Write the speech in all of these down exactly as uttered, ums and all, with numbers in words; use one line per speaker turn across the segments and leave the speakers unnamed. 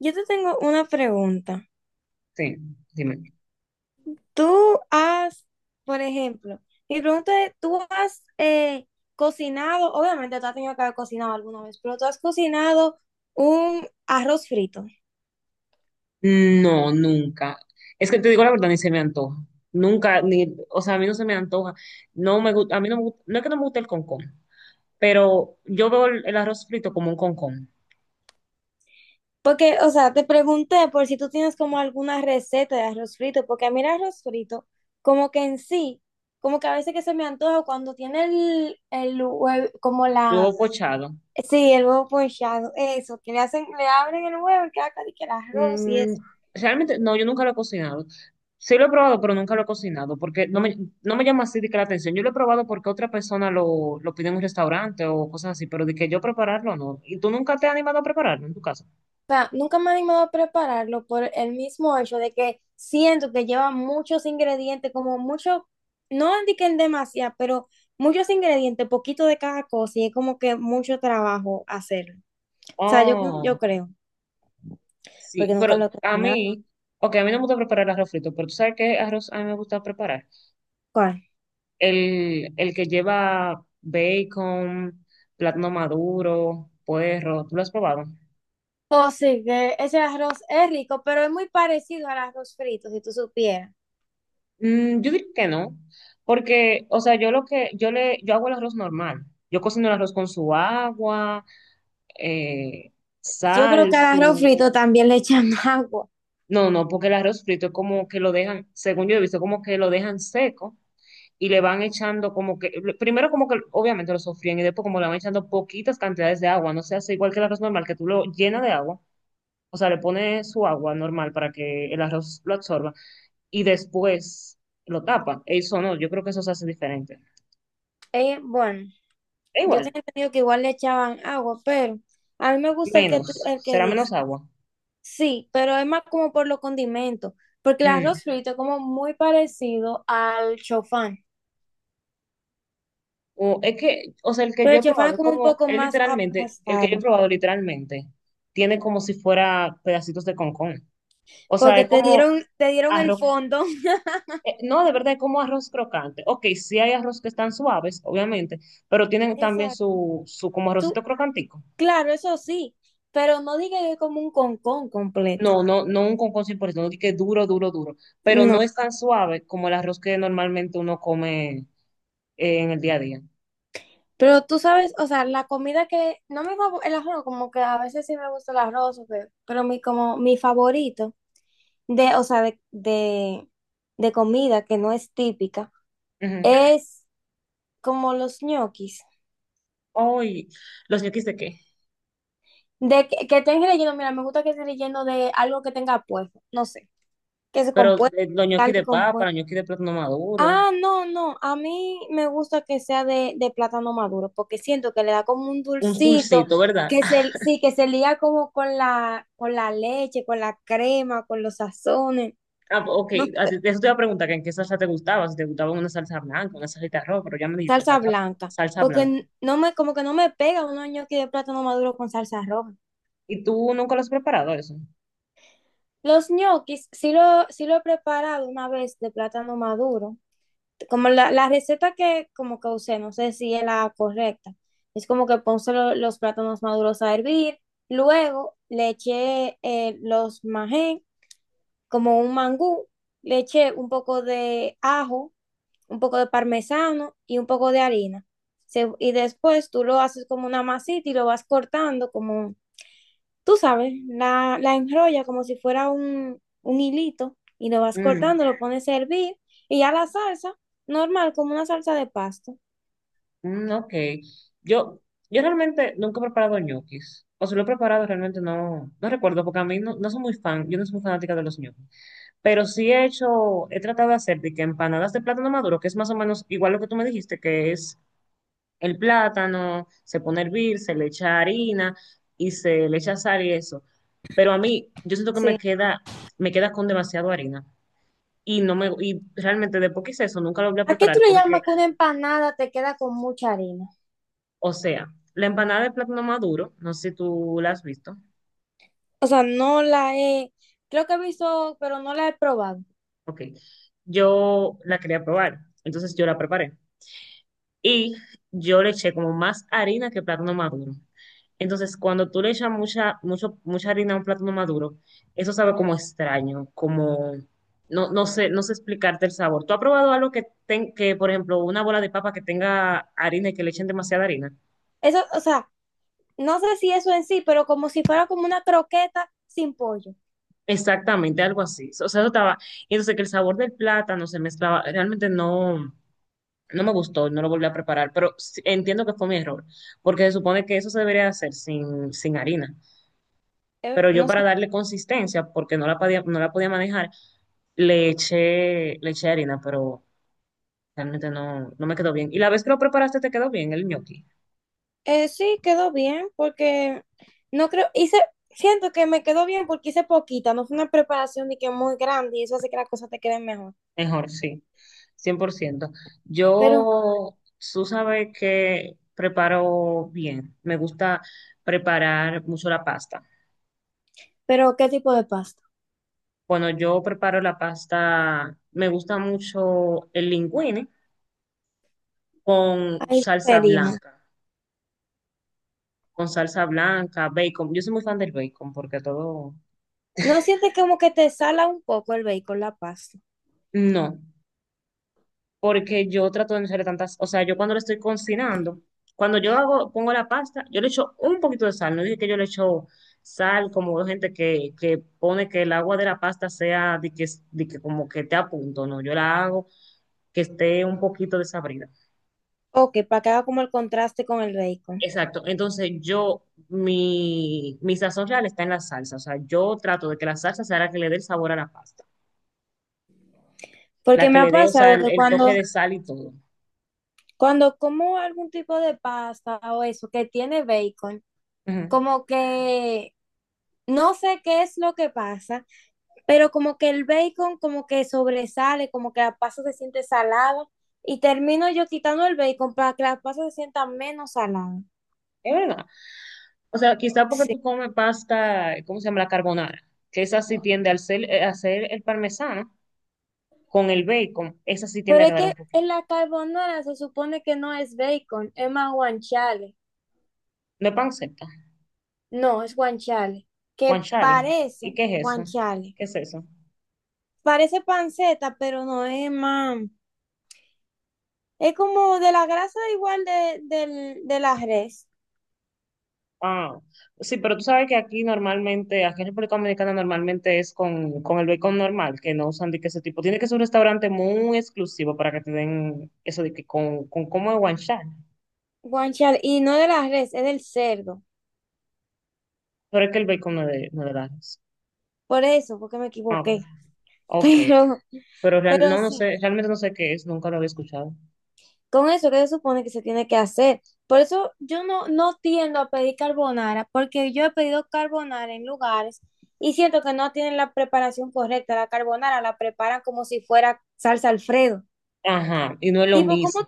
Yo te tengo una pregunta.
Sí, dime.
Tú has, por ejemplo, mi pregunta es, ¿tú has eh, cocinado, obviamente tú has tenido que haber cocinado alguna vez, pero tú has cocinado un arroz frito?
No, nunca. Es que te digo la verdad, ni se me antoja. Nunca, ni, o sea, a mí no se me antoja. No me gusta, a mí no me gusta, no es que no me guste el concón, pero yo veo el, el arroz frito como un concón,
Porque, o sea, te pregunté por si tú tienes como alguna receta de arroz frito, porque a mí el arroz frito, como que en sí, como que a veces que se me antoja cuando tiene el, el huevo, como
luego
la,
pochado.
sí, el huevo pochado, eso, que le hacen, le abren el huevo y queda casi que el arroz y
Mm,
eso.
realmente, no, yo nunca lo he cocinado. Sí lo he probado, pero nunca lo he cocinado, porque no me, no me llama así de que la atención. Yo lo he probado porque otra persona lo, lo pide en un restaurante o cosas así, pero de que yo prepararlo, no. ¿Y tú nunca te has animado a prepararlo en tu casa?
Sea, nunca me he animado a prepararlo por el mismo hecho de que siento que lleva muchos ingredientes, como mucho, no indiquen demasiado, pero muchos ingredientes, poquito de cada cosa, y es como que mucho trabajo hacerlo. O sea, yo, yo
Oh.
creo, porque
Sí,
nunca lo
pero
he
a
cocinado.
mí, ok, a mí no me gusta preparar arroz frito, pero tú sabes qué arroz a mí me gusta preparar.
¿Cuál?
El, el que lleva bacon, plátano maduro, puerro, ¿tú lo has probado?
Oh, sí, que ese arroz es rico, pero es muy parecido al arroz frito, si tú supieras.
Mm, yo diría que no, porque, o sea, yo lo que, yo le, yo hago el arroz normal. Yo cocino el arroz con su agua, eh,
Yo creo
sal,
que al arroz
su...
frito también le echan agua.
No, no, porque el arroz frito es como que lo dejan, según yo he visto, como que lo dejan seco y le van echando como que, primero como que obviamente lo sofrían y después como le van echando poquitas cantidades de agua, no se hace igual que el arroz normal, que tú lo llenas de agua, o sea, le pones su agua normal para que el arroz lo absorba y después lo tapa. Eso no, yo creo que eso se hace diferente.
Eh, bueno,
Es
yo
igual,
tenía entendido que igual le echaban agua, pero a mí me gusta el que tú,
menos,
el que
será
dice.
menos agua.
Sí, pero es más como por los condimentos, porque el
Mm.
arroz frito es como muy parecido al chofán,
O es que, o sea, el que
pero
yo he
el chofán
probado
es
es
como un
como,
poco
es
más
literalmente, el que yo
aplastado,
he probado literalmente tiene como si fuera pedacitos de concón. O sea,
porque
es
te
como
dieron, te dieron el
arroz
fondo.
eh, no, de verdad, es como arroz crocante. Ok, sí hay arroz que están suaves, obviamente, pero tienen también
Exacto.
su, su como
Tú,
arrocito crocantico.
claro, eso sí, pero no digas que es como un concón completo.
No, no, no un concón cien por ciento, no di que duro, duro, duro, pero
No.
no es tan suave como el arroz que normalmente uno come eh, en el día a día.
Pero tú sabes, o sea, la comida que no me favo- el arroz, como que a veces sí me gusta el arroz, o que- pero mi como mi favorito de, o sea, de, de, de comida que no es típica
Ujú.
es como los ñoquis.
Ay, ¿los ñoquis de qué?
De que, que estén relleno, mira, me gusta que esté relleno de algo que tenga puesto, no sé, que se
Pero
compuesto,
eh, los ñoquis
carne
de papa,
compuesta.
los ñoquis de plátano maduro,
Ah, no, no, a mí me gusta que sea de, de plátano maduro, porque siento que le da como un
un
dulcito,
dulcito, ¿verdad?
que se, sí, que se liga como con la, con la leche, con la crema, con los sazones,
Ah, ok,
no
a
sé,
ti- eso te iba a preguntar que en qué salsa te gustaba, si te gustaba una salsa blanca, una salsa de arroz, pero ya me dijiste
salsa
salsa,
blanca,
salsa
porque
blanca.
n- no me, como que no me pega un ñoqui de plátano maduro con salsa roja.
¿Y tú nunca lo has preparado eso?
Los ñoquis sí lo, sí lo he preparado una vez de plátano maduro. Como la, la receta que como que usé, no sé si es la correcta. Es como que puse lo- los plátanos maduros a hervir. Luego le eché eh, los majén, como un mangú. Le eché un poco de ajo, un poco de parmesano y un poco de harina. Se- y después tú lo haces como una masita y lo vas cortando como tú sabes, la, la enrolla como si fuera un, un hilito y lo vas
Mm,
cortando, lo pones a hervir y ya la salsa, normal, como una salsa de pasto.
mm, ok. Yo, yo realmente nunca he preparado ñoquis. O si lo he preparado, realmente no, no recuerdo, porque a mí no, no soy muy fan, yo no soy muy fanática de los ñoquis. Pero sí he hecho, he tratado de hacer de que empanadas de plátano maduro, que es más o menos igual lo que tú me dijiste, que es el plátano, se pone a hervir, se le echa harina y se le echa sal y eso. Pero a mí, yo siento que me
Sí.
queda, me queda con demasiado harina. Y no me, y realmente después que hice eso, nunca lo voy a
¿A qué tú
preparar
le
porque
llamas que una empanada te queda con mucha harina?
o sea, la empanada de plátano maduro, no sé si tú la has visto.
O sea, no la he, creo que he visto, pero no la he probado.
Ok. Yo la quería probar, entonces yo la preparé. Y yo le eché como más harina que plátano maduro. Entonces, cuando tú le echas mucha, mucho, mucha harina a un plátano maduro, eso sabe como extraño, como no, no sé, no sé explicarte el sabor. ¿Tú has probado algo que, ten- que, por ejemplo, una bola de papa que tenga harina y que le echen demasiada harina?
Eso, o sea, no sé si eso en sí, pero como si fuera como una croqueta sin pollo.
Exactamente, algo así. O sea, eso estaba. Y entonces que el sabor del plátano se mezclaba, realmente no. No me gustó, no lo volví a preparar, pero sí- entiendo que fue mi error, porque se supone que eso se debería hacer sin, sin harina.
Eh,
Pero yo
no
para
sé.
darle consistencia, porque no la podía, no la podía manejar, le eché, le eché harina, pero realmente no, no me quedó bien. Y la vez que lo preparaste te quedó bien el ñoqui.
Eh, sí, quedó bien porque no creo, hice, siento que me quedó bien porque hice poquita, no fue una preparación ni que muy grande y eso hace que las cosas te queden mejor.
Mejor, sí, cien por ciento.
Pero,
Yo, tú sabes que preparo bien. Me gusta preparar mucho la pasta.
pero, ¿qué tipo de pasta?
Cuando yo preparo la pasta, me gusta mucho el linguine con
Ahí
salsa
pedimos.
blanca, con salsa blanca, bacon. Yo soy muy fan del bacon porque todo...
¿No sientes como que te sala un poco el bacon, la pasta?
No, porque yo trato de no hacer tantas... O sea, yo cuando lo estoy cocinando, cuando yo hago, pongo la pasta, yo le echo un poquito de sal. No dije que yo le echo sal, como hay gente que, que pone que el agua de la pasta sea de que, de que como que te a punto. No, yo la hago que esté un poquito desabrida.
O que para que haga como el contraste con el bacon.
Exacto. Entonces yo, mi, mi sazón real está en la salsa. O sea, yo trato de que la salsa sea la que le dé el sabor a la pasta. La
Porque me
que
ha
le dé, o sea,
pasado
el,
que
el toque
cuando,
de sal y todo.
cuando como algún tipo de pasta o eso que tiene bacon,
Ujú.
como que no sé qué es lo que pasa, pero como que el bacon como que sobresale, como que la pasta se siente salada y termino yo quitando el bacon para que la pasta se sienta menos salada.
Es verdad. O sea, quizá porque
Sí.
tú comes pasta, ¿cómo se llama? La carbonara. Que esa sí tiende al ser- eh, a hacer el parmesano con el bacon. Esa sí tiende
Pero
a
es
quedar
que
un
en
poquito.
la carbonara se supone que no es bacon, es más guanciale.
No es panceta,
No, es guanciale, que
guanciale. ¿Y
parece
qué es eso?
guanciale.
¿Qué es eso?
Parece panceta, pero no es más. Es como de la grasa igual de, del- de la res,
Ah, sí, pero tú sabes que aquí normalmente, aquí en República Dominicana normalmente es con, con el bacon normal, que no usan de que ese tipo. Tiene que ser un restaurante muy exclusivo para que te den eso de que con, con como de guanchar.
guanciale, y no de la res, es del cerdo.
Pero es que el bacon no es de, no es de Lares.
Por eso, porque me
Ah, ok.
equivoqué.
Ok.
Pero
Pero real-
Pero
no, no
sí,
sé, realmente no sé qué es, nunca lo había escuchado.
con eso que se supone que se tiene que hacer. Por eso yo no, no tiendo a pedir carbonara, porque yo he pedido carbonara en lugares y siento que no tienen la preparación correcta. La carbonara la preparan como si fuera salsa Alfredo.
Ajá, y no es lo
Tipo, ¿cómo?
mismo.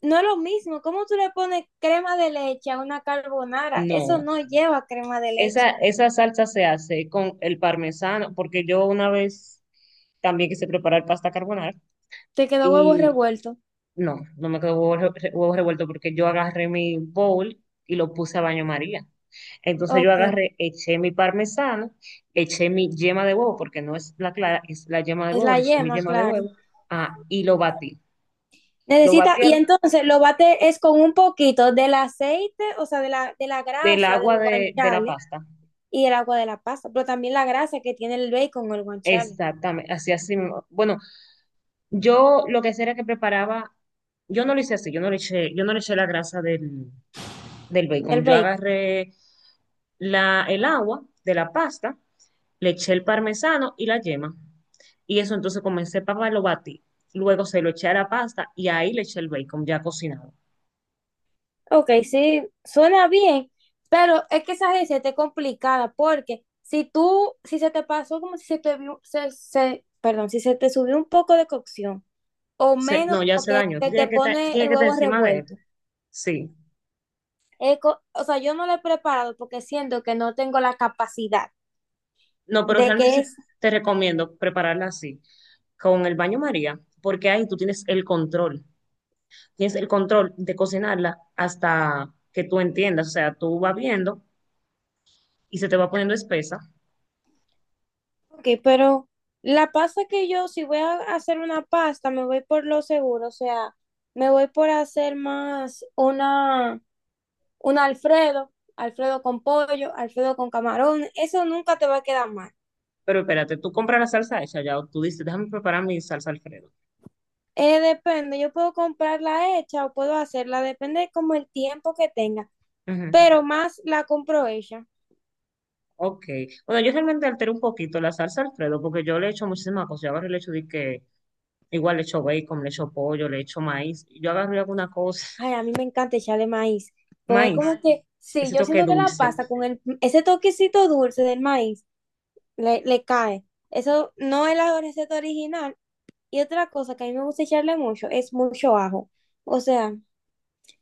No es lo mismo. ¿Cómo tú le pones crema de leche a una carbonara? Eso
No,
no lleva crema de
esa,
leche.
esa salsa se hace con el parmesano, porque yo una vez también quise preparar pasta carbonara
Te quedó huevo
y
revuelto.
no, no me quedó huevo, re- huevo revuelto porque yo agarré mi bowl y lo puse a baño María. Entonces yo
Ok.
agarré, eché mi parmesano, eché mi yema de huevo, porque no es la clara, es la yema de
Es
huevo,
la
le eché mi
yema,
yema de
claro.
huevo, ah, y lo batí. Lo
Necesita,
batí
y
al-
entonces lo bate es con un poquito del aceite, o sea, de la, de la
del
grasa del
agua de, de la
guanciale
pasta.
y el agua de la pasta, pero también la grasa que tiene el bacon o el guanciale,
Exactamente, así así mismo. Bueno, yo lo que hacía era que preparaba, yo no lo hice así, yo no le eché, yo no le eché la grasa del, del
del
bacon. Yo
bacon.
agarré la, el agua de la pasta, le eché el parmesano y la yema. Y eso entonces comencé para lo batí. Luego se lo eché a la pasta y ahí le eché el bacon ya cocinado.
Ok, sí, suena bien, pero es que esa receta es complicada porque si tú, si se te pasó como si se te, vio- se, se- perdón, si se te subió un poco de cocción o
Se-
menos
no, ya
como
se
que
dañó. Tú
se te
tienes que estar, tú
pone
tienes
el
que estar
huevo
encima de él.
revuelto.
Sí.
Es co- o sea, yo no lo he preparado porque siento que no tengo la capacidad
No, pero
de
realmente
que.
sí te recomiendo prepararla así, con el baño María, porque ahí tú tienes el control. Tienes el control de cocinarla hasta que tú entiendas. O sea, tú vas viendo y se te va poniendo espesa.
Ok, pero la pasta que yo, si voy a hacer una pasta, me voy por lo seguro, o sea, me voy por hacer más una, un Alfredo, Alfredo con pollo, Alfredo con camarón, eso nunca te va a quedar mal.
Pero espérate, ¿tú compras la salsa hecha ya, o tú dices, déjame preparar mi salsa Alfredo?
Eh, depende, yo puedo comprarla hecha o puedo hacerla, depende como el tiempo que tenga,
Ujú.
pero más la compro hecha.
Ok. Bueno, yo realmente altero un poquito la salsa Alfredo porque yo le echo muchísimas cosas. Yo agarro y le echo de que igual le echo bacon, le echo pollo, le echo maíz. Yo agarro y hago una cosa,
Ay, a mí me encanta echarle maíz, porque
maíz,
como que, sí,
ese
yo
toque
siento que la
dulce.
pasta con el, ese toquecito dulce del maíz le, le cae. Eso no es la receta original. Y otra cosa que a mí me gusta echarle mucho es mucho ajo. O sea,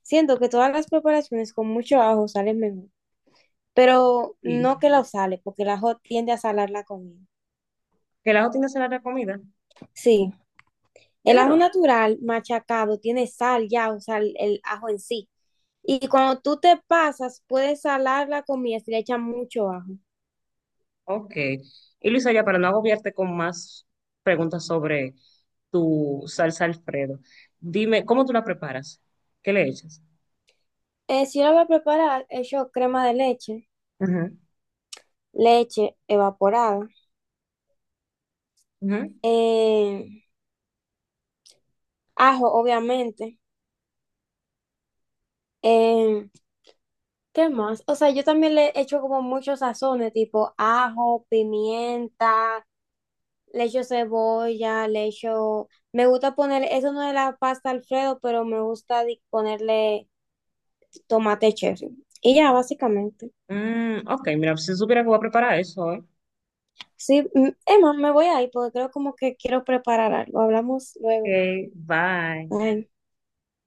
siento que todas las preparaciones con mucho ajo salen mejor. Pero
Sí.
no que lo sale, porque el ajo tiende a salar la comida.
Que la tiene será la comida.
Sí,
¿Es
el ajo
verdad?
natural machacado tiene sal ya, o sea, el, el ajo en sí. Y cuando tú te pasas, puedes salar la comida si le echas mucho ajo.
Ok. Y Luisa, ya para no agobiarte con más preguntas sobre tu salsa Alfredo, dime, ¿cómo tú la preparas? ¿Qué le echas?
Eh, si yo lo voy a preparar, echo crema de leche,
Ujú,
leche evaporada.
ujú.
Eh, Ajo, obviamente. Eh, ¿Qué más? O sea, yo también le echo como muchos sazones, tipo ajo, pimienta, le echo cebolla, le echo... Me gusta poner, eso no es la pasta Alfredo, pero me gusta di- ponerle tomate cherry. Y ya, básicamente.
Mm, ok, mira, si supiera que voy a preparar eso, ¿eh?
Sí, mm, Emma, me voy a ir porque creo como que quiero preparar algo. Hablamos luego.
Ok, bye.
Bye.